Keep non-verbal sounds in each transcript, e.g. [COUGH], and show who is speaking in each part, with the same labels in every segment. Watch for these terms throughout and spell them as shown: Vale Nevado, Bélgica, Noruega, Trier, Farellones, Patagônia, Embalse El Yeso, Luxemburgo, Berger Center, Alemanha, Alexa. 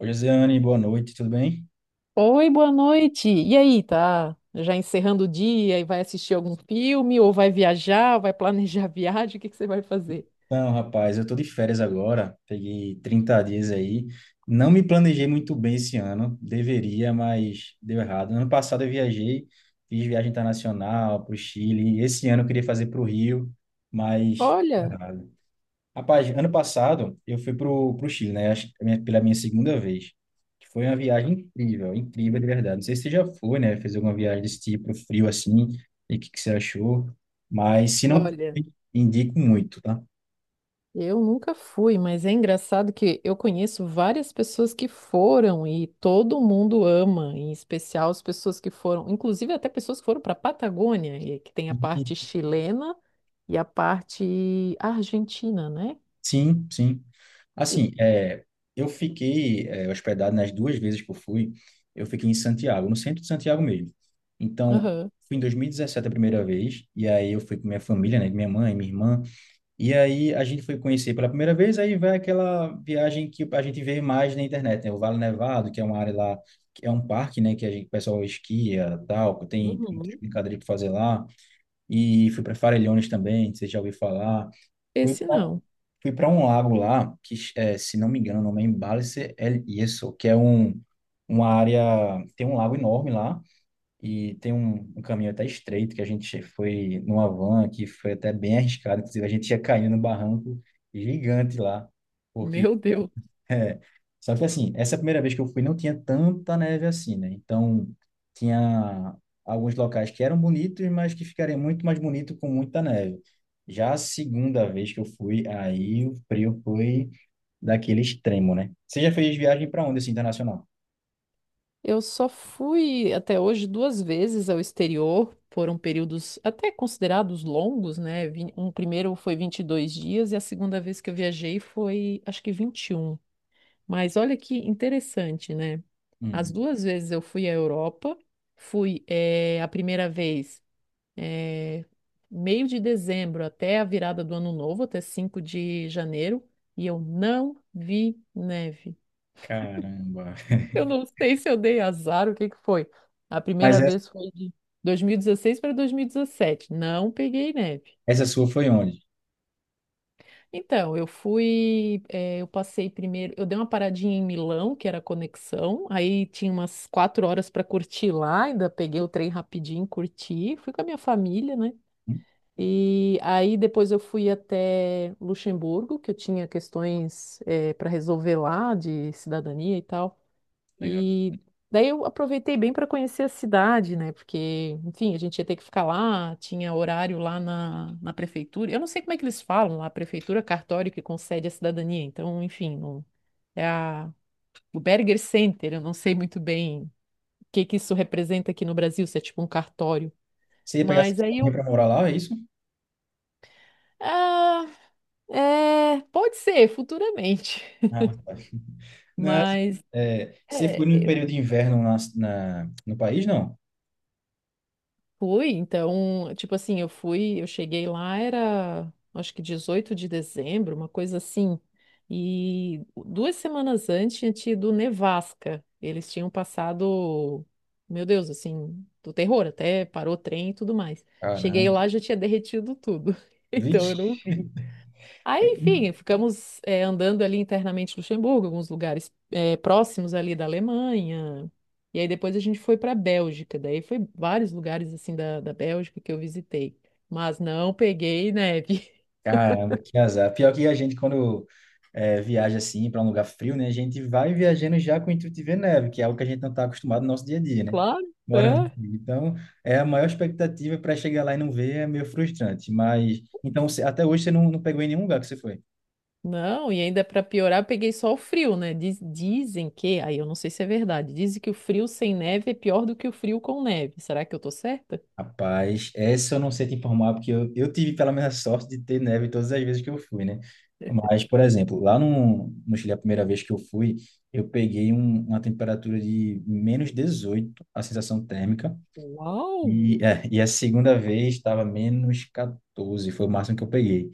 Speaker 1: Oi, Josiane, boa noite, tudo bem?
Speaker 2: Oi, boa noite. E aí, tá? Já encerrando o dia e vai assistir algum filme ou vai viajar, vai planejar [LAUGHS] a viagem, o que que você vai fazer?
Speaker 1: Então, rapaz, eu tô de férias agora, peguei 30 dias aí. Não me planejei muito bem esse ano, deveria, mas deu errado. Ano passado eu viajei, fiz viagem internacional para o Chile. Esse ano eu queria fazer para o Rio, mas deu
Speaker 2: Olha,
Speaker 1: errado. Rapaz, ano passado eu fui pro Chile, né? Acho que é pela minha segunda vez. Que Foi uma viagem incrível, incrível de verdade. Não sei se você já foi, né? Fez alguma viagem desse tipo, frio assim, e o que, que você achou. Mas se não,
Speaker 2: olha,
Speaker 1: indico muito, tá?
Speaker 2: eu nunca fui, mas é engraçado que eu conheço várias pessoas que foram e todo mundo ama, em especial as pessoas que foram, inclusive até pessoas que foram para a Patagônia, e que tem a parte
Speaker 1: E-
Speaker 2: chilena e a parte argentina, né?
Speaker 1: Sim, sim. Assim, eu fiquei hospedado nas duas vezes que eu fui, eu fiquei em Santiago, no centro de Santiago mesmo. Então,
Speaker 2: Aham.
Speaker 1: fui em 2017 a primeira vez, e aí eu fui com minha família, né? Minha mãe, minha irmã. E aí a gente foi conhecer pela primeira vez, aí vai aquela viagem que a gente vê mais na internet, né? O Vale Nevado, que é uma área lá, que é um parque, né? Que a gente, o pessoal esquia, tal, que tem muitas
Speaker 2: Uhum.
Speaker 1: brincadeiras para fazer lá. E fui para Farellones também, você já ouviu falar. Fui
Speaker 2: Esse
Speaker 1: pra-
Speaker 2: não.
Speaker 1: fui para um lago lá, que é, se não me engano, o nome é Embalse El Yeso, uma área, tem um lago enorme lá, e tem um caminho até estreito que a gente foi numa van que foi até bem arriscado. Inclusive, a gente ia caindo num barranco gigante lá. Porque,
Speaker 2: Meu Deus.
Speaker 1: [LAUGHS] é, só que assim, essa primeira vez que eu fui não tinha tanta neve assim, né? Então, tinha alguns locais que eram bonitos, mas que ficariam muito mais bonito com muita neve. Já a segunda vez que eu fui, aí o frio foi daquele extremo, né? Você já fez viagem para onde, assim, internacional?
Speaker 2: Eu só fui até hoje duas vezes ao exterior, foram períodos até considerados longos, né? Um primeiro foi 22 dias e a segunda vez que eu viajei foi, acho que 21. Mas olha que interessante, né? As
Speaker 1: Hum,
Speaker 2: duas vezes eu fui à Europa, fui a primeira vez eh, meio de dezembro até a virada do ano novo, até 5 de janeiro, e eu não vi neve.
Speaker 1: caramba.
Speaker 2: Eu não sei se eu dei azar, o que que foi? A
Speaker 1: Mas
Speaker 2: primeira
Speaker 1: essa,
Speaker 2: vez foi de 2016 para 2017. Não peguei neve.
Speaker 1: essa sua foi onde?
Speaker 2: Então, eu fui, eu passei primeiro, eu dei uma paradinha em Milão, que era a conexão, aí tinha umas quatro horas para curtir lá, ainda peguei o trem rapidinho, curti, fui com a minha família, né? E aí depois eu fui até Luxemburgo, que eu tinha questões, para resolver lá de cidadania e tal.
Speaker 1: Legal.
Speaker 2: E daí eu aproveitei bem para conhecer a cidade, né? Porque, enfim, a gente ia ter que ficar lá, tinha horário lá na prefeitura. Eu não sei como é que eles falam lá, prefeitura, cartório que concede a cidadania. Então, enfim, é o Berger Center, eu não sei muito bem o que que isso representa aqui no Brasil, se é tipo um cartório.
Speaker 1: Você ia pegar essa
Speaker 2: Mas aí eu.
Speaker 1: companhia para morar lá, é isso?
Speaker 2: Ah, é, pode ser, futuramente.
Speaker 1: Ah, tá.
Speaker 2: [LAUGHS]
Speaker 1: Não,
Speaker 2: Mas.
Speaker 1: você foi
Speaker 2: É,
Speaker 1: num período de inverno no país, não?
Speaker 2: fui, então, tipo assim, eu fui, eu cheguei lá, era acho que 18 de dezembro, uma coisa assim. E duas semanas antes tinha tido nevasca. Eles tinham passado, meu Deus, assim, do terror, até parou o trem e tudo mais. Cheguei
Speaker 1: Caramba.
Speaker 2: lá, já tinha derretido tudo. [LAUGHS] Então
Speaker 1: Vixe.
Speaker 2: eu não vi. Aí, enfim, ficamos andando ali internamente em Luxemburgo, alguns lugares próximos ali da Alemanha. E aí depois a gente foi para a Bélgica. Daí foi vários lugares assim da Bélgica que eu visitei. Mas não peguei neve. [LAUGHS]
Speaker 1: Caramba, que azar. Pior que a gente, quando viaja assim para um lugar frio, né? A gente vai viajando já com o intuito de ver neve, que é algo que a gente não está acostumado no nosso dia a dia, né?
Speaker 2: Claro.
Speaker 1: Morando
Speaker 2: É.
Speaker 1: aqui. Então, é a maior expectativa para chegar lá e não ver é meio frustrante. Mas, então, até hoje você não pegou em nenhum lugar que você foi?
Speaker 2: Não, e ainda para piorar, eu peguei só o frio, né? Dizem que, aí eu não sei se é verdade, dizem que o frio sem neve é pior do que o frio com neve. Será que eu tô certa?
Speaker 1: Rapaz, essa eu não sei te informar, porque eu tive pela minha sorte de ter neve todas as vezes que eu fui, né? Mas, por exemplo, lá no Chile, a primeira vez que eu fui, eu peguei uma temperatura de -18 a sensação térmica,
Speaker 2: Uau!
Speaker 1: e a segunda vez estava menos 14, foi o máximo que eu peguei.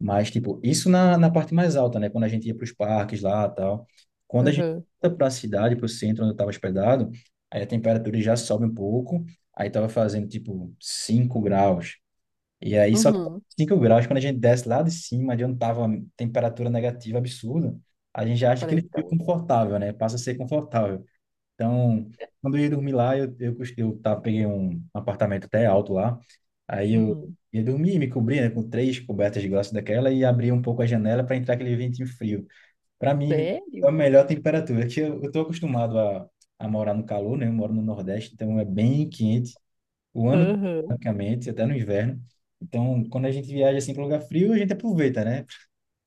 Speaker 1: Mas, tipo, isso na parte mais alta, né? Quando a gente ia para os parques lá tal. Quando a gente
Speaker 2: Uhum.
Speaker 1: volta para a cidade, para o centro onde eu estava hospedado, aí a temperatura já sobe um pouco. Aí estava fazendo, tipo, 5 graus. E aí só
Speaker 2: Uhum.
Speaker 1: 5 graus, quando a gente desce lá de cima, de onde estava temperatura negativa absurda, a gente já acha que ele
Speaker 2: Parece.
Speaker 1: fica
Speaker 2: Então,
Speaker 1: confortável, né? Passa a ser confortável. Então, quando eu ia dormir lá, eu peguei um apartamento até alto lá. Aí eu
Speaker 2: Uhum.
Speaker 1: ia dormir, me cobria, né, com três cobertas de glaço daquela e abria um pouco a janela para entrar aquele ventinho frio. Para mim, é a
Speaker 2: Sério?
Speaker 1: melhor temperatura, que eu tô acostumado a morar no calor, né? Eu moro no Nordeste, então é bem quente o ano,
Speaker 2: Aham.
Speaker 1: praticamente, até no inverno. Então, quando a gente viaja assim para lugar frio, a gente aproveita, né?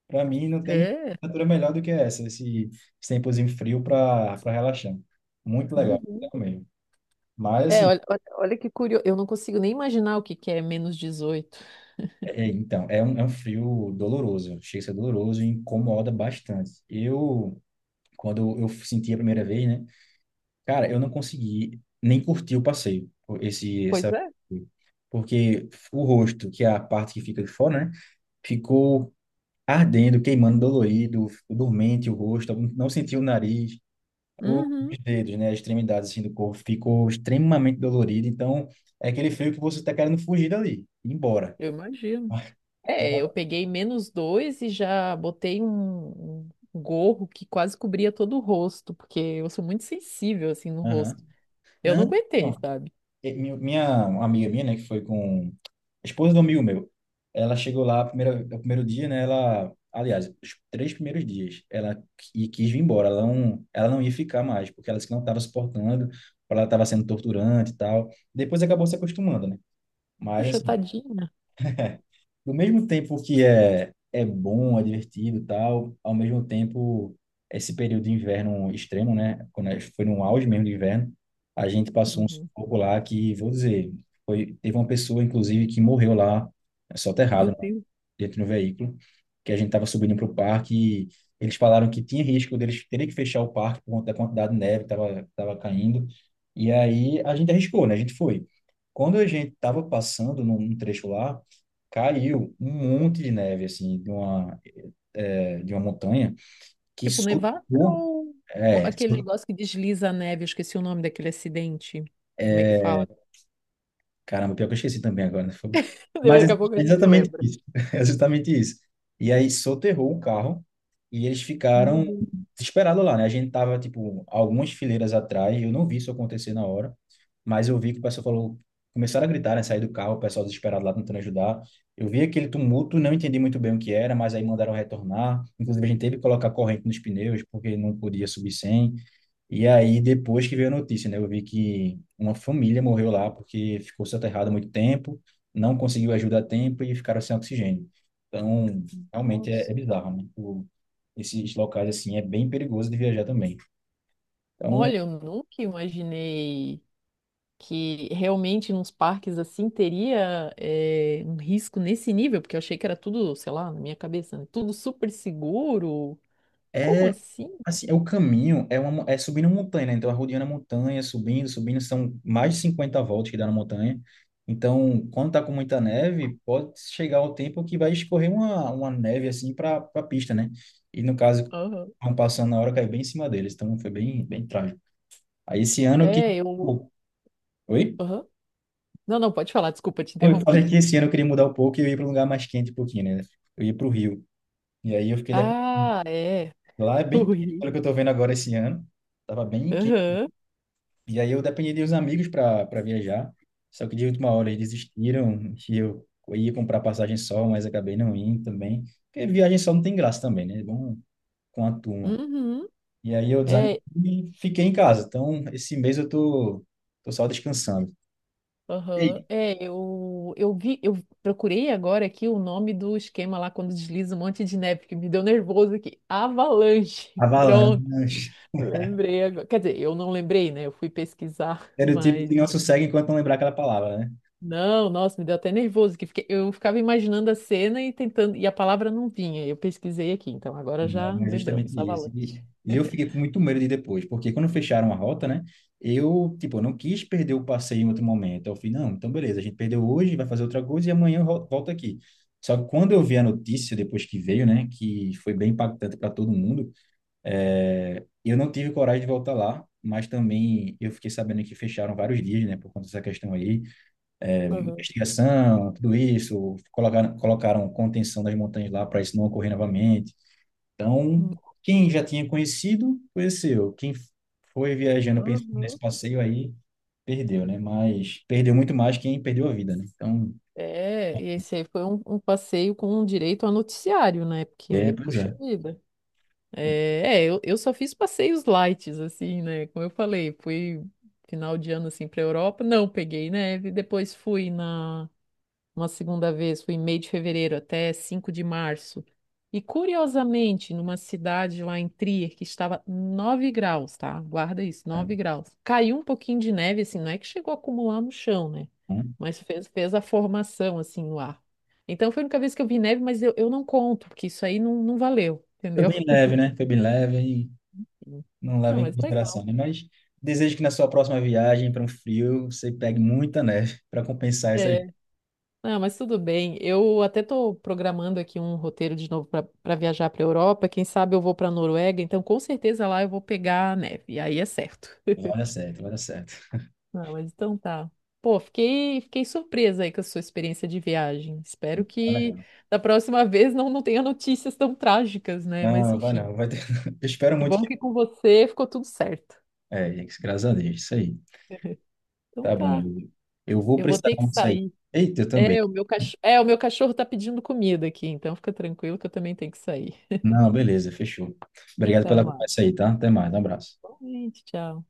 Speaker 1: Para mim, não tem
Speaker 2: É.
Speaker 1: temperatura melhor do que esse tempozinho frio para relaxar. Muito legal, legal
Speaker 2: Uhum.
Speaker 1: mesmo. Mas,
Speaker 2: É,
Speaker 1: assim,
Speaker 2: olha que curioso. Eu não consigo nem imaginar o que que é -18.
Speaker 1: então, é um frio doloroso, chega a ser doloroso e incomoda bastante. Eu, quando eu senti a primeira vez, né, cara, eu não consegui nem curtir o passeio, esse,
Speaker 2: Pois
Speaker 1: essa,
Speaker 2: é.
Speaker 1: porque o rosto, que é a parte que fica de fora, né, ficou ardendo, queimando, dolorido, dormente o rosto, não senti o nariz.
Speaker 2: Uhum.
Speaker 1: Os dedos, né, as extremidades assim, do corpo ficou extremamente dolorido, então é aquele frio que você está querendo fugir dali, ir embora.
Speaker 2: Eu imagino.
Speaker 1: [LAUGHS]
Speaker 2: É, eu
Speaker 1: Já,
Speaker 2: peguei -2 e já botei um, um gorro que quase cobria todo o rosto, porque eu sou muito sensível assim no
Speaker 1: aham.
Speaker 2: rosto. Eu não
Speaker 1: Não,
Speaker 2: aguentei,
Speaker 1: não.
Speaker 2: sabe?
Speaker 1: E Minha uma amiga minha, né, que foi com a esposa do amigo meu, ela chegou lá o primeiro dia, né, ela, aliás, os três primeiros dias, ela quis vir embora, ela não ia ficar mais, porque ela disse que não estava suportando, ela estava sendo torturante e tal. Depois acabou se acostumando, né?
Speaker 2: Poxa,
Speaker 1: Mas
Speaker 2: tadinha.
Speaker 1: do mesmo tempo que é bom, é divertido e tal, ao mesmo tempo, esse período de inverno extremo, né? Quando a gente foi no auge mesmo do inverno, a gente passou um
Speaker 2: Uhum.
Speaker 1: sufoco lá que, vou dizer, teve uma pessoa, inclusive, que morreu lá,
Speaker 2: Meu
Speaker 1: soterrado
Speaker 2: Deus.
Speaker 1: dentro do veículo, que a gente estava subindo para o parque e eles falaram que tinha risco deles terem que fechar o parque por conta da quantidade de neve que estava tava caindo. E aí a gente arriscou, né? A gente foi. Quando a gente estava passando num trecho lá, caiu um monte de neve, assim, de uma montanha que
Speaker 2: Tipo, nevasca
Speaker 1: soltou,
Speaker 2: ou
Speaker 1: é,
Speaker 2: aquele negócio que desliza a neve? Eu esqueci o nome daquele acidente. Como é que fala?
Speaker 1: caramba, pior que eu esqueci também agora. Né?
Speaker 2: [LAUGHS]
Speaker 1: Mas é
Speaker 2: Daqui a pouco a
Speaker 1: é
Speaker 2: gente
Speaker 1: exatamente
Speaker 2: lembra.
Speaker 1: isso. [LAUGHS] É exatamente isso. E aí soterrou o carro e eles
Speaker 2: Meu
Speaker 1: ficaram
Speaker 2: Deus.
Speaker 1: desesperados lá, né? A gente tava, tipo, algumas fileiras atrás, eu não vi isso acontecer na hora, mas eu vi que o pessoal falou, começaram a gritar, né? Sair do carro, o pessoal desesperado lá tentando ajudar. Eu vi aquele tumulto, não entendi muito bem o que era, mas aí mandaram retornar. Inclusive, a gente teve que colocar corrente nos pneus, porque não podia subir sem. E aí, depois que veio a notícia, né? Eu vi que uma família morreu lá porque ficou soterrada há muito tempo, não conseguiu ajuda a tempo e ficaram sem oxigênio. Então, realmente é
Speaker 2: Nossa.
Speaker 1: bizarro, né? Esses locais, assim, é bem perigoso de viajar também. Então,
Speaker 2: Olha, eu nunca imaginei que realmente nos parques assim teria um risco nesse nível, porque eu achei que era tudo, sei lá, na minha cabeça, né? Tudo super seguro. Como
Speaker 1: é,
Speaker 2: assim?
Speaker 1: assim, é o caminho é subindo uma montanha, né? Então, arrodeando a montanha, subindo, subindo, são mais de 50 voltas que dá na montanha. Então, quando tá com muita neve, pode chegar o tempo que vai escorrer uma neve, assim, para a pista, né? E, no caso,
Speaker 2: Aham.
Speaker 1: vão passando na hora, caiu bem em cima deles. Então, foi bem, bem trágico. Aí, esse ano que.
Speaker 2: É, eu.
Speaker 1: Pô, oi?
Speaker 2: Aham. Não, não, pode falar, desculpa, te
Speaker 1: Não, eu falei
Speaker 2: interrompi.
Speaker 1: que esse ano eu queria mudar um pouco e eu ia para um lugar mais quente um pouquinho, né? Eu ia para o Rio. E aí, eu fiquei.
Speaker 2: Ah, é.
Speaker 1: Lá é
Speaker 2: [LAUGHS]
Speaker 1: bem quente.
Speaker 2: Ui.
Speaker 1: Pelo que eu tô vendo agora esse ano, tava bem quente.
Speaker 2: Aham.
Speaker 1: E aí eu dependi de uns amigos para viajar, só que de última hora eles desistiram, e eu ia comprar passagem só, mas acabei não indo também, porque viagem só não tem graça também, né? É bom com a turma.
Speaker 2: Uhum.
Speaker 1: E aí eu desanimei
Speaker 2: É,
Speaker 1: e fiquei em casa. Então, esse mês eu tô só descansando.
Speaker 2: Aham.
Speaker 1: Ei,
Speaker 2: É, eu vi, eu procurei agora aqui o nome do esquema lá quando desliza um monte de neve, que me deu nervoso aqui. Avalanche. [LAUGHS] Pronto,
Speaker 1: avalanche.
Speaker 2: lembrei agora. Quer dizer, eu não lembrei, né? Eu fui pesquisar, [LAUGHS]
Speaker 1: Era o tipo
Speaker 2: mas
Speaker 1: que não sossega enquanto não lembrar aquela palavra, né?
Speaker 2: não, nossa, me deu até nervoso que eu ficava imaginando a cena e tentando, e a palavra não vinha. Eu pesquisei aqui, então agora
Speaker 1: Não,
Speaker 2: já
Speaker 1: mas é justamente
Speaker 2: lembramos,
Speaker 1: isso. E,
Speaker 2: avalanche.
Speaker 1: e eu fiquei com muito medo de ir depois, porque quando fecharam a rota, né? Eu, tipo, não quis perder o passeio em outro momento. Eu falei, não, então beleza, a gente perdeu hoje, vai fazer outra coisa e amanhã eu volto aqui. Só que quando eu vi a notícia, depois que veio, né, que foi bem impactante para todo mundo, eu não tive coragem de voltar lá, mas também eu fiquei sabendo que fecharam vários dias, né, por conta dessa questão aí.
Speaker 2: Aham.
Speaker 1: Investigação, tudo isso, colocaram contenção das montanhas lá para isso não ocorrer novamente. Então, quem já tinha conhecido, conheceu. Quem foi viajando pensando
Speaker 2: Uhum.
Speaker 1: nesse passeio aí, perdeu, né? Mas perdeu muito mais quem perdeu a vida, né? Então,
Speaker 2: É, e esse aí foi um passeio com direito a noticiário, né?
Speaker 1: é,
Speaker 2: Porque,
Speaker 1: pois é.
Speaker 2: puxa vida.
Speaker 1: É,
Speaker 2: É, é, eu só fiz passeios light, assim, né? Como eu falei, fui final de ano, assim, pra Europa. Não peguei neve. Depois fui na uma segunda vez, fui em meio de fevereiro até 5 de março. E curiosamente, numa cidade lá em Trier, que estava 9 graus, tá? Guarda isso, nove
Speaker 1: é.
Speaker 2: graus. Caiu um pouquinho de neve, assim, não é que chegou a acumular no chão, né?
Speaker 1: Hum.
Speaker 2: Mas fez, fez a formação, assim, no ar. Então foi a única vez que eu vi neve, mas eu não conto, porque isso aí não, não valeu,
Speaker 1: Foi
Speaker 2: entendeu?
Speaker 1: bem leve, né? Foi bem leve e
Speaker 2: Sim.
Speaker 1: não
Speaker 2: Ah,
Speaker 1: leva em
Speaker 2: mas
Speaker 1: consideração,
Speaker 2: legal.
Speaker 1: né? Mas desejo que na sua próxima viagem para um frio, você pegue muita neve para compensar essas.
Speaker 2: É. Ah, mas tudo bem. Eu até estou programando aqui um roteiro de novo para viajar para a Europa. Quem sabe eu vou para a Noruega, então com certeza lá eu vou pegar a neve. E aí é certo. [LAUGHS]
Speaker 1: Vai dar certo, vai dar certo.
Speaker 2: Ah, mas então tá. Pô, fiquei surpresa aí com a sua experiência de viagem. Espero
Speaker 1: Vai dar
Speaker 2: que
Speaker 1: certo.
Speaker 2: da próxima [LAUGHS] vez não, não tenha notícias tão trágicas, né? Mas
Speaker 1: Não, vai
Speaker 2: enfim.
Speaker 1: não. Vai ter. [LAUGHS] Eu espero
Speaker 2: Que
Speaker 1: muito
Speaker 2: bom
Speaker 1: que.
Speaker 2: que com você ficou tudo certo.
Speaker 1: É, graças a Deus, isso aí.
Speaker 2: Então
Speaker 1: Tá bom,
Speaker 2: tá.
Speaker 1: eu vou
Speaker 2: Eu vou
Speaker 1: precisar
Speaker 2: ter que
Speaker 1: muito sair.
Speaker 2: sair.
Speaker 1: Eita, eu também.
Speaker 2: É, o meu cachorro, é, o meu cachorro tá pedindo comida aqui, então fica tranquilo que eu também tenho que sair.
Speaker 1: Não, beleza, fechou. Obrigado
Speaker 2: Até
Speaker 1: pela
Speaker 2: mais.
Speaker 1: conversa aí, tá? Até mais, um abraço.
Speaker 2: Boa noite, tchau.